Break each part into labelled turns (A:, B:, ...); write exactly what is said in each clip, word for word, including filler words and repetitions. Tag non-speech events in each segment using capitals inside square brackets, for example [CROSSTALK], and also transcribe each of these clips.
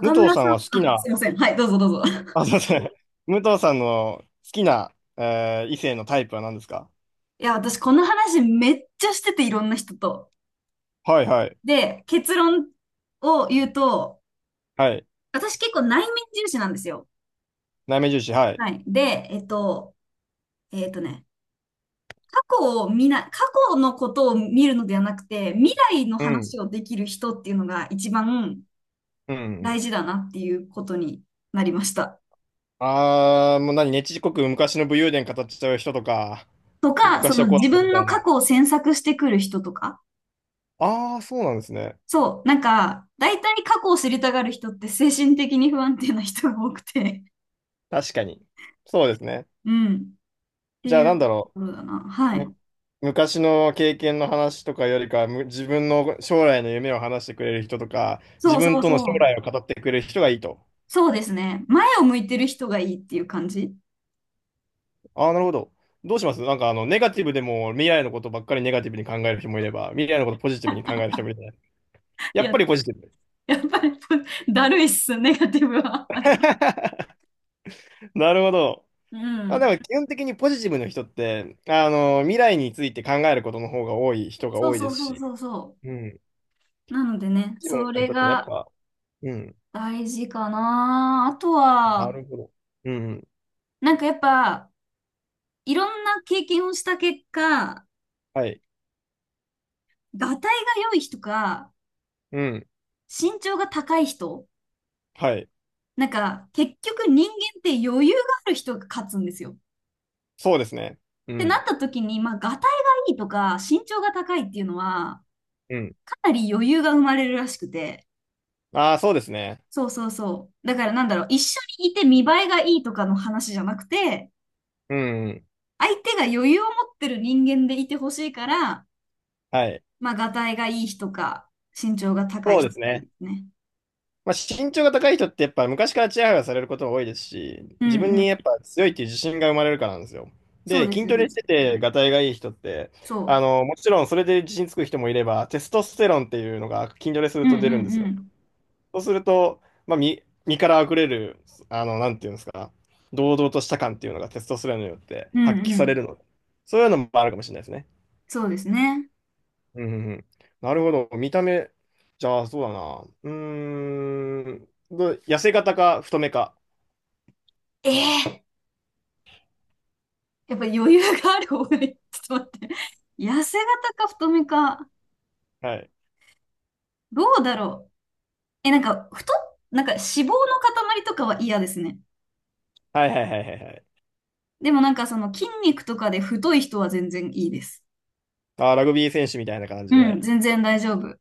A: 武藤
B: 村
A: さ
B: さ
A: ん
B: ん、
A: は好き
B: あ、
A: な、
B: すいません。はい、どうぞどうぞ。[LAUGHS]
A: あ、すいません。武藤さんの好きな、えー異性のタイプは何ですか？
B: いや、私、この話めっちゃしてて、いろんな人と。
A: はいはい。
B: で、結論を言うと、
A: はい。
B: 私結構内面重視なんですよ。
A: 内面重視、は
B: は
A: い。
B: い。で、えっと、えっとね、過去を見な、過去のことを見るのではなくて、未来の
A: うん。
B: 話をできる人っていうのが一番
A: うんう
B: 大
A: ん。
B: 事だなっていうことになりました。
A: あー、もう何、ねちこく昔の武勇伝語っちゃう人とか、
B: とか、そ
A: 昔は
B: の
A: こうだ
B: 自
A: ったみ
B: 分
A: た
B: の
A: い
B: 過去
A: な。
B: を詮索してくる人とか。
A: あー、そうなんですね。
B: そう、なんか、大体過去を知りたがる人って精神的に不安定な人が多くて、
A: 確かに。そうですね。
B: [LAUGHS] うん、って
A: じゃあ
B: いう
A: な
B: と
A: んだろ
B: ころだな。は
A: う。
B: い。
A: む昔の経験の話とかよりか、む自分の将来の夢を話してくれる人とか、自
B: そう
A: 分
B: そう
A: との
B: そ
A: 将
B: う。
A: 来を語ってくれる人がいいと。
B: そうですね。前を向いてる人がいいっていう感じ。
A: ああ、なるほど。どうします？なんか、あの、ネガティブでも未来のことばっかりネガティブに考える人もいれば、未来のことポジティブに考える人もいるじゃない。
B: い
A: やっ
B: や、
A: ぱりポジティブ。
B: やっぱり [LAUGHS] だるいっす、ネガティブは。
A: [LAUGHS] なるほど。
B: [LAUGHS] う
A: まあ、で
B: ん。
A: も基本的にポジティブの人って、あの、未来について考えることの方が多い人が
B: そう
A: 多い
B: そ
A: で
B: う
A: す
B: そう
A: し、
B: そうそ
A: うん。ポ
B: う。なのでね、
A: ジティ
B: そ
A: ブの
B: れ
A: 人ってね、やっ
B: が
A: ぱ、うん。
B: 大事かな。あと
A: な
B: は、
A: るほど。うん。
B: なんかやっぱ、いろんな経験をした結果、
A: はい。
B: がたいが良い人か、
A: うん。
B: 身長が高い人、
A: はい。
B: なんか、結局人間って余裕がある人が勝つんですよ。っ
A: そうですね。う
B: てなっ
A: ん。
B: た時に、まあ、ガタイがいいとか、身長が高いっていうのは、
A: うん。
B: かなり余裕が生まれるらしくて。
A: ああ、そうですね。
B: そうそうそう。だからなんだろう、一緒にいて見栄えがいいとかの話じゃなくて、
A: うん。
B: 相手が余裕を持ってる人間でいてほしいから、
A: はい。
B: まあ、ガタイがいい人か、身長が高い
A: そうで
B: 人
A: す
B: がいいで
A: ね。
B: すね。
A: まあ、身長が高い人ってやっぱ昔からチヤホヤされることが多いですし、
B: う
A: 自分
B: んうん。
A: にやっぱ強いっていう自信が生まれるからなんですよ。
B: そう
A: で、
B: です
A: 筋
B: よ
A: トレ
B: ね。
A: してて、がたいがいい人って、あ
B: そ
A: の、もちろんそれで自信つく人もいれば、テストステロンっていうのが筋トレする
B: う。うん
A: と出る
B: う
A: んです
B: んう
A: よ。
B: ん。
A: そうすると、まあ、身、身から溢れる、あの、なんていうんですか、堂々とした感っていうのがテストステロンによって
B: う
A: 発揮
B: んう
A: され
B: ん。
A: るので、そういうのもあるかもしれないですね。
B: そうですね。
A: うんうんうん。なるほど。見た目、じゃあ、そうだな。うーん。ど痩せ型か太めか。
B: ええ、やっぱ余裕がある方がいい。[LAUGHS] ちょっと待って。痩せ型か太めか。
A: はい。
B: どうだろう。え、なんか、太っ、なんか脂肪の塊とかは嫌ですね。
A: はいはいはいはいはい。
B: でもなんかその筋肉とかで太い人は全然いいです。
A: あー、ラグビー選手みたいな感じ
B: うん、
A: で。
B: 全然大丈夫。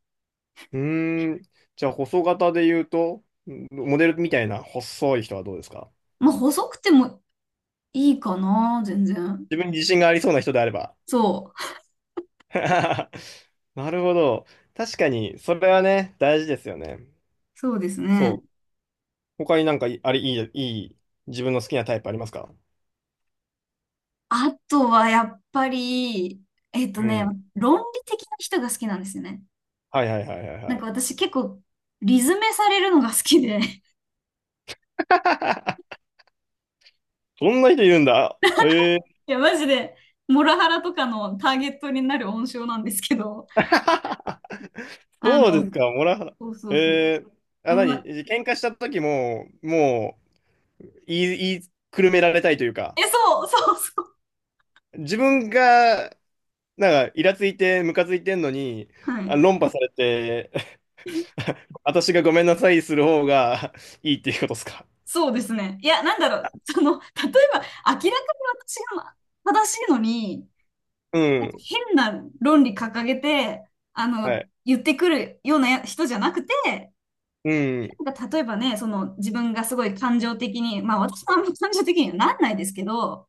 A: うーん。じゃあ、細型で言うと、んモデルみたいな細い人はどうですか？
B: まあ、細くてもいいかな、全然。
A: 自分に自信がありそうな人であれば。
B: そう。
A: [LAUGHS] なるほど。確かに、それはね、大事ですよね。
B: そうですね。
A: そう。他になんかい、あれ、いい、いい、自分の好きなタイプありますか？
B: あとはやっぱり、えっと
A: う
B: ね、
A: ん。
B: 論理的な人が好きなんですよね。
A: はいはいはいはい
B: なん
A: は
B: か
A: い。
B: 私結構、リズめされるのが好きで。
A: [LAUGHS] そんな人いるんだ。へえ、
B: いや、マジで、モラハラとかのターゲットになる温床なんですけど、
A: [LAUGHS]
B: あ
A: そうで
B: の、
A: すか、モラハラ。
B: そうそうそう。
A: えー、
B: う
A: あ、
B: ん
A: 何
B: ま、
A: 喧嘩した時も、もう、言い、言いくるめられたいというか、
B: え、そう、そうそう。
A: 自分が、なんか、イラついて、ムカついてんのに、
B: は
A: あ、
B: い。
A: 論破されて、[LAUGHS] 私がごめんなさいする方が [LAUGHS] いいっていうことですか。
B: そうですね。いや、なんだろう。その、例えば、明らかに私が正しいのに、
A: う
B: なんか
A: ん。
B: 変な論理掲げて、あ
A: は
B: の、
A: い。
B: 言ってくるようなや人じゃなくて、
A: うん。
B: なんか例えばね、その、自分がすごい感情的に、まあ、私もあんま感情的にはなんないですけど、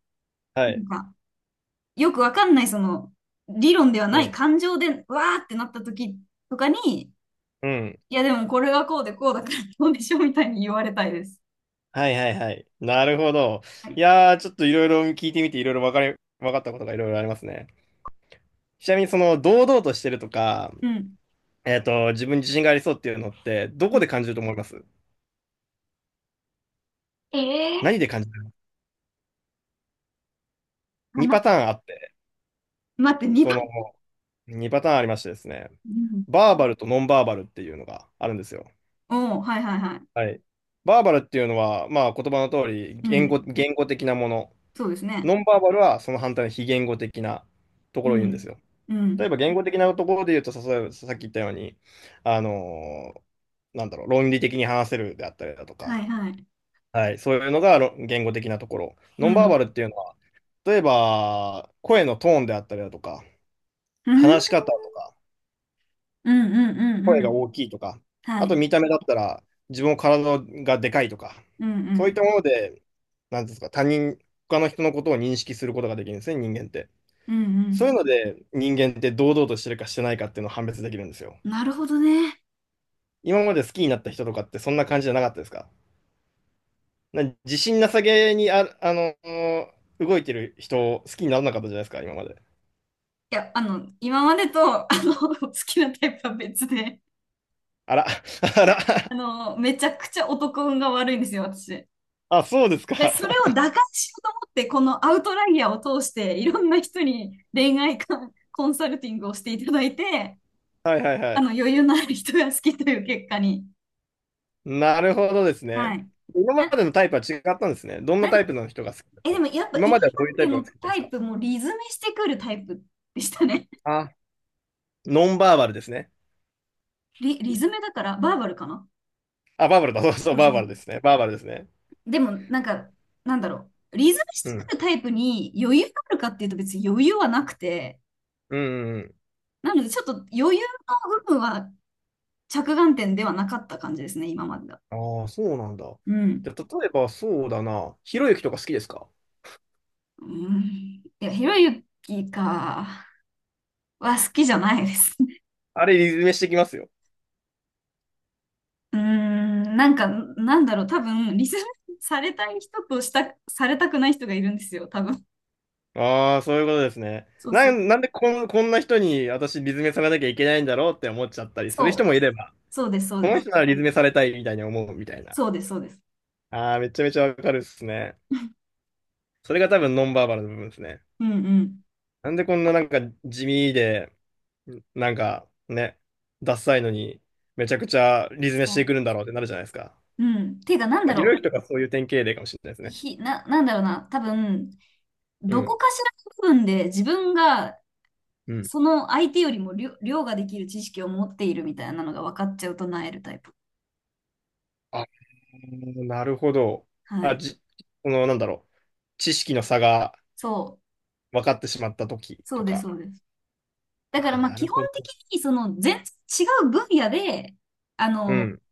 A: は
B: な
A: い。
B: んか、よくわかんない、その、理論ではな
A: う
B: い
A: ん。
B: 感情で、わーってなった時とかに、
A: うん。
B: いや、でもこれはこうでこうだから、どうでしょうみたいに言われたいです。
A: はいはいはい。なるほど。
B: は
A: い
B: い。
A: やー、ちょっといろいろ聞いてみて、いろいろわかり、わかったことがいろいろありますね。ちなみにその堂々としてるとか、
B: うん。
A: えっと、自分に自信がありそうっていうのって、ど
B: う
A: こ
B: ん。
A: で感じると思います？
B: ええー
A: 何で感じる？
B: か
A: に
B: な。
A: パターンあって、
B: 待って、
A: そ
B: 2
A: の
B: 番。
A: にパターンありましてですね、
B: うん。
A: バーバルとノンバーバルっていうのがあるんですよ。
B: おー、はいはいはい。
A: はい。バーバルっていうのは、まあ言葉の通り
B: う
A: 言
B: ん。
A: 語、言語的なもの。
B: そうですね。
A: ノンバーバルはその反対の非言語的なと
B: う
A: ころを言うんで
B: ん。
A: すよ。
B: う
A: 例え
B: ん。
A: ば言語的なところで言うと、さ例えばさっき言ったように、あのーなんだろう、論理的に話せるであったりだと
B: は
A: か、
B: いはい。
A: はい、そういうのがろ言語的なところ。
B: う
A: ノンバー
B: ん。
A: バルっていうのは、例えば声のトーンであったりだとか、
B: うん。
A: 話し方とか、
B: うんうんうん
A: 声
B: う
A: が
B: ん。
A: 大きいとか、
B: は
A: あ
B: い。
A: と見た目だったら自分の体がでかいとか、
B: うんう
A: そうい
B: ん。
A: ったもので、なんていうんですか、他人、他の人のことを認識することができるんですね、人間って。
B: うんう
A: そういう
B: ん。
A: ので、人間って堂々としてるかしてないかっていうのを判別できるんですよ。
B: なるほどね。
A: 今まで好きになった人とかってそんな感じじゃなかったですか？な自信なさげにあ、あの、動いてる人を好きにならなかったじゃないですか、今まで。
B: いや、あの、今までと、あの、[LAUGHS] 好きなタイプは別で。
A: あら、[LAUGHS] あら、
B: あの、めちゃくちゃ男運が悪いんですよ、私。
A: あ、そうですか。
B: で、それを
A: [LAUGHS]
B: 打開しようと思って、このアウトライヤーを通して、いろんな人に恋愛観コンサルティングをしていただいて、
A: はいはいは
B: あの、
A: い。
B: 余裕のある人が好きという結果に。
A: なるほどです
B: は
A: ね。
B: い。
A: 今ま
B: あ、
A: でのタイプは違ったんですね。どんな
B: なん、
A: タイプの人が好きだっ
B: え、
A: た
B: で
A: の？
B: もやっぱ
A: 今
B: 今
A: まで
B: ま
A: はどういうタ
B: で
A: イプが
B: の
A: 好きだったんで
B: タ
A: す
B: イ
A: か？
B: プもリズメしてくるタイプでしたね。[LAUGHS]
A: あ、ノンバーバルですね。
B: リ、リズメだから、バーバルかな。
A: あ、バーバルだ。そうそう、
B: そう
A: バ
B: そ
A: ー
B: う
A: バ
B: そ
A: ル
B: う。
A: ですね。バーバルですね。
B: でも、なんか、なんだろう。リズメ
A: う
B: してく
A: ん。
B: るタイプに余裕があるかっていうと別に余裕はなくて、
A: うん、うん
B: なので、ちょっと余裕の部分は着眼点ではなかった感じですね、今までが。
A: うん。ああ、そうなんだ。
B: う
A: じ
B: ん。
A: ゃあ、例えばそうだな。ひろゆきとか好きですか？
B: うん、いや、ひろゆきか、は好きじゃないですね。
A: あれ、リズメしてきますよ。
B: [LAUGHS] うーん、なんか、なんだろう、多分、リスペクトされたい人とした、されたくない人がいるんですよ、多分。
A: ああ、そういうことですね。
B: そうそ
A: な
B: う。
A: ん、なんでこん、こんな人に私、リズメされなきゃいけないんだろうって思っちゃったりする
B: そ
A: 人
B: う。
A: もいれば。
B: そうです、そう
A: こ
B: で
A: の
B: す。
A: 人ならリズメされたいみたいに思うみたいな。
B: そうです、そうです。
A: ああ、めちゃめちゃわかるっすね。それが多分ノンバーバルの部分ですね。
B: うんうん。
A: なんでこんななんか地味で、なんかね、ダサいのに、めちゃくちゃリズメ
B: そ
A: して
B: う。
A: くるんだろうってなるじゃないですか。
B: うん。ていうか、なん
A: ま
B: だ
A: あ、ひろゆき
B: ろ
A: とかそういう典型例かもしれないです
B: う。
A: ね。
B: ひ、な、なんだろうな。多分、
A: う
B: どこ
A: ん。
B: かしらの部分で自分が
A: うん。
B: その相手よりも量量ができる知識を持っているみたいなのが分かっちゃうとなえるタイプ。
A: あー、なるほど。
B: は
A: あ、
B: い。
A: じ、この、なんだろう。知識の差が
B: そう。
A: 分かってしまった時
B: そう
A: と
B: です、
A: か。
B: そうです。だか
A: あ
B: ら
A: ー、
B: まあ
A: な
B: 基
A: る
B: 本
A: ほど。
B: 的にその全然違う分野で、あ
A: う
B: の、
A: ん。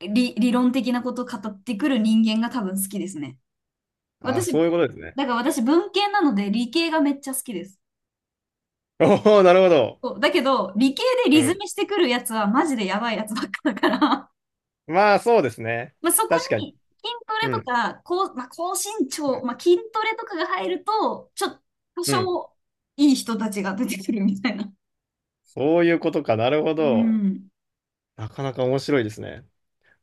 B: 理、理論的なことを語ってくる人間が多分好きですね。
A: あー、そ
B: 私、
A: ういうことですね。
B: だから私文系なので理系がめっちゃ好きです。
A: おお、なるほど。
B: そう。だけど、理系で
A: う
B: リズ
A: ん。
B: ミしてくるやつはマジでやばいやつばっかだから、
A: まあ、そうですね。
B: まあ、そこ
A: 確かに。
B: に筋トレ
A: う
B: と
A: ん。
B: か、高、まあ、高身
A: う
B: 長、
A: ん。
B: まあ、筋トレとかが入ると、ちょっと多
A: うん。
B: 少いい人たちが出てくるみたいな。
A: そういうことか。なるほ
B: う
A: ど。
B: ん。
A: なかなか面白いですね。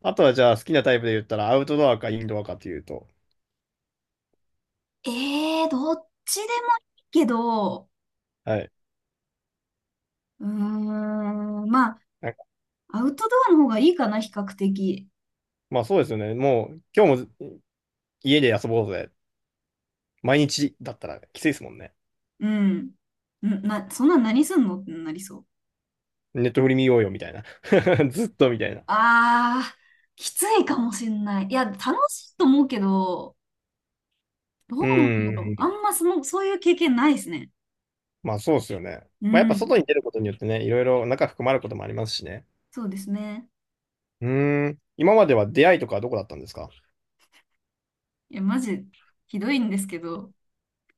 A: あとは、じゃあ、好きなタイプで言ったら、アウトドアかインドアかっていうと。
B: えー、どっちでもいいけど、
A: はい。
B: うーん、まあ、
A: なんか、
B: アウトドアの方がいいかな、比較的。
A: まあ、そうですよね。もう、今日も家で遊ぼうぜ。毎日だったらきついですもんね。
B: うん。んな、そんなん何すんのってなりそう。
A: ネットフリ見ようよ、みたいな。[LAUGHS] ずっとみたいな。
B: あー、きついかもしんない。いや、楽しいと思うけど、ど
A: う
B: うなんだろう。あ
A: ん。
B: んまその、そういう経験ないですね。
A: まあ、そうですよね。
B: う
A: まあ、やっぱ
B: ん。
A: 外に出ることによってね、いろいろ中含まることもありますしね。
B: そうですね。
A: うん。今までは出会いとかはどこだったんですか？
B: いや、マジ、ひどいんですけど、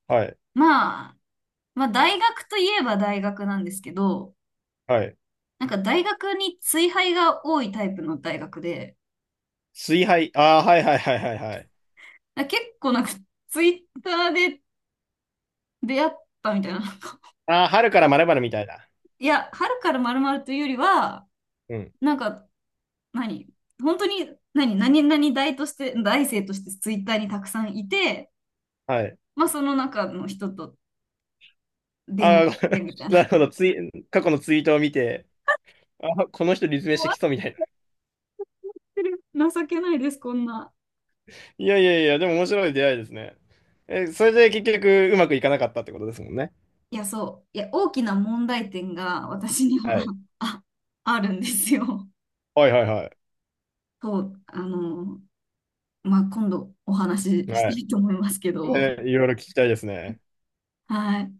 A: はい。
B: まあ、まあ、大学といえば大学なんですけど、
A: はい。
B: なんか大学に追廃が多いタイプの大学で、
A: 水杯。ああ、はいはいはいはいはい。
B: だから結構なんかツイッターで出会ったみたいな。
A: ああ、春からまるまるみたいだ。
B: いや、春からまるまるというよりは、
A: うん。
B: なんか、何本当に、何何々大として、大生としてツイッターにたくさんいて、
A: はい。
B: まあその中の人と電話
A: あ
B: し
A: あ、ご [LAUGHS]
B: てみたい
A: なる
B: な。
A: ほど。ツイ、過去のツイートを見て、ああ、この人立命
B: 終
A: して
B: わっ
A: きそうみたいな。
B: てる。情けないです、こんな。
A: いやいやいや、でも面白い出会いですね。え、それで結局うまくいかなかったってことですもんね。
B: いや、そう。いや、大きな問題点が私に
A: は
B: は
A: い。
B: [LAUGHS] あ、あるんですよ。
A: はいはいは
B: そう。あの、まあ、今度お話
A: い。
B: しし
A: は
B: た
A: い。
B: いと思いますけど。
A: ね、いろいろ聞きたいですね。
B: はい。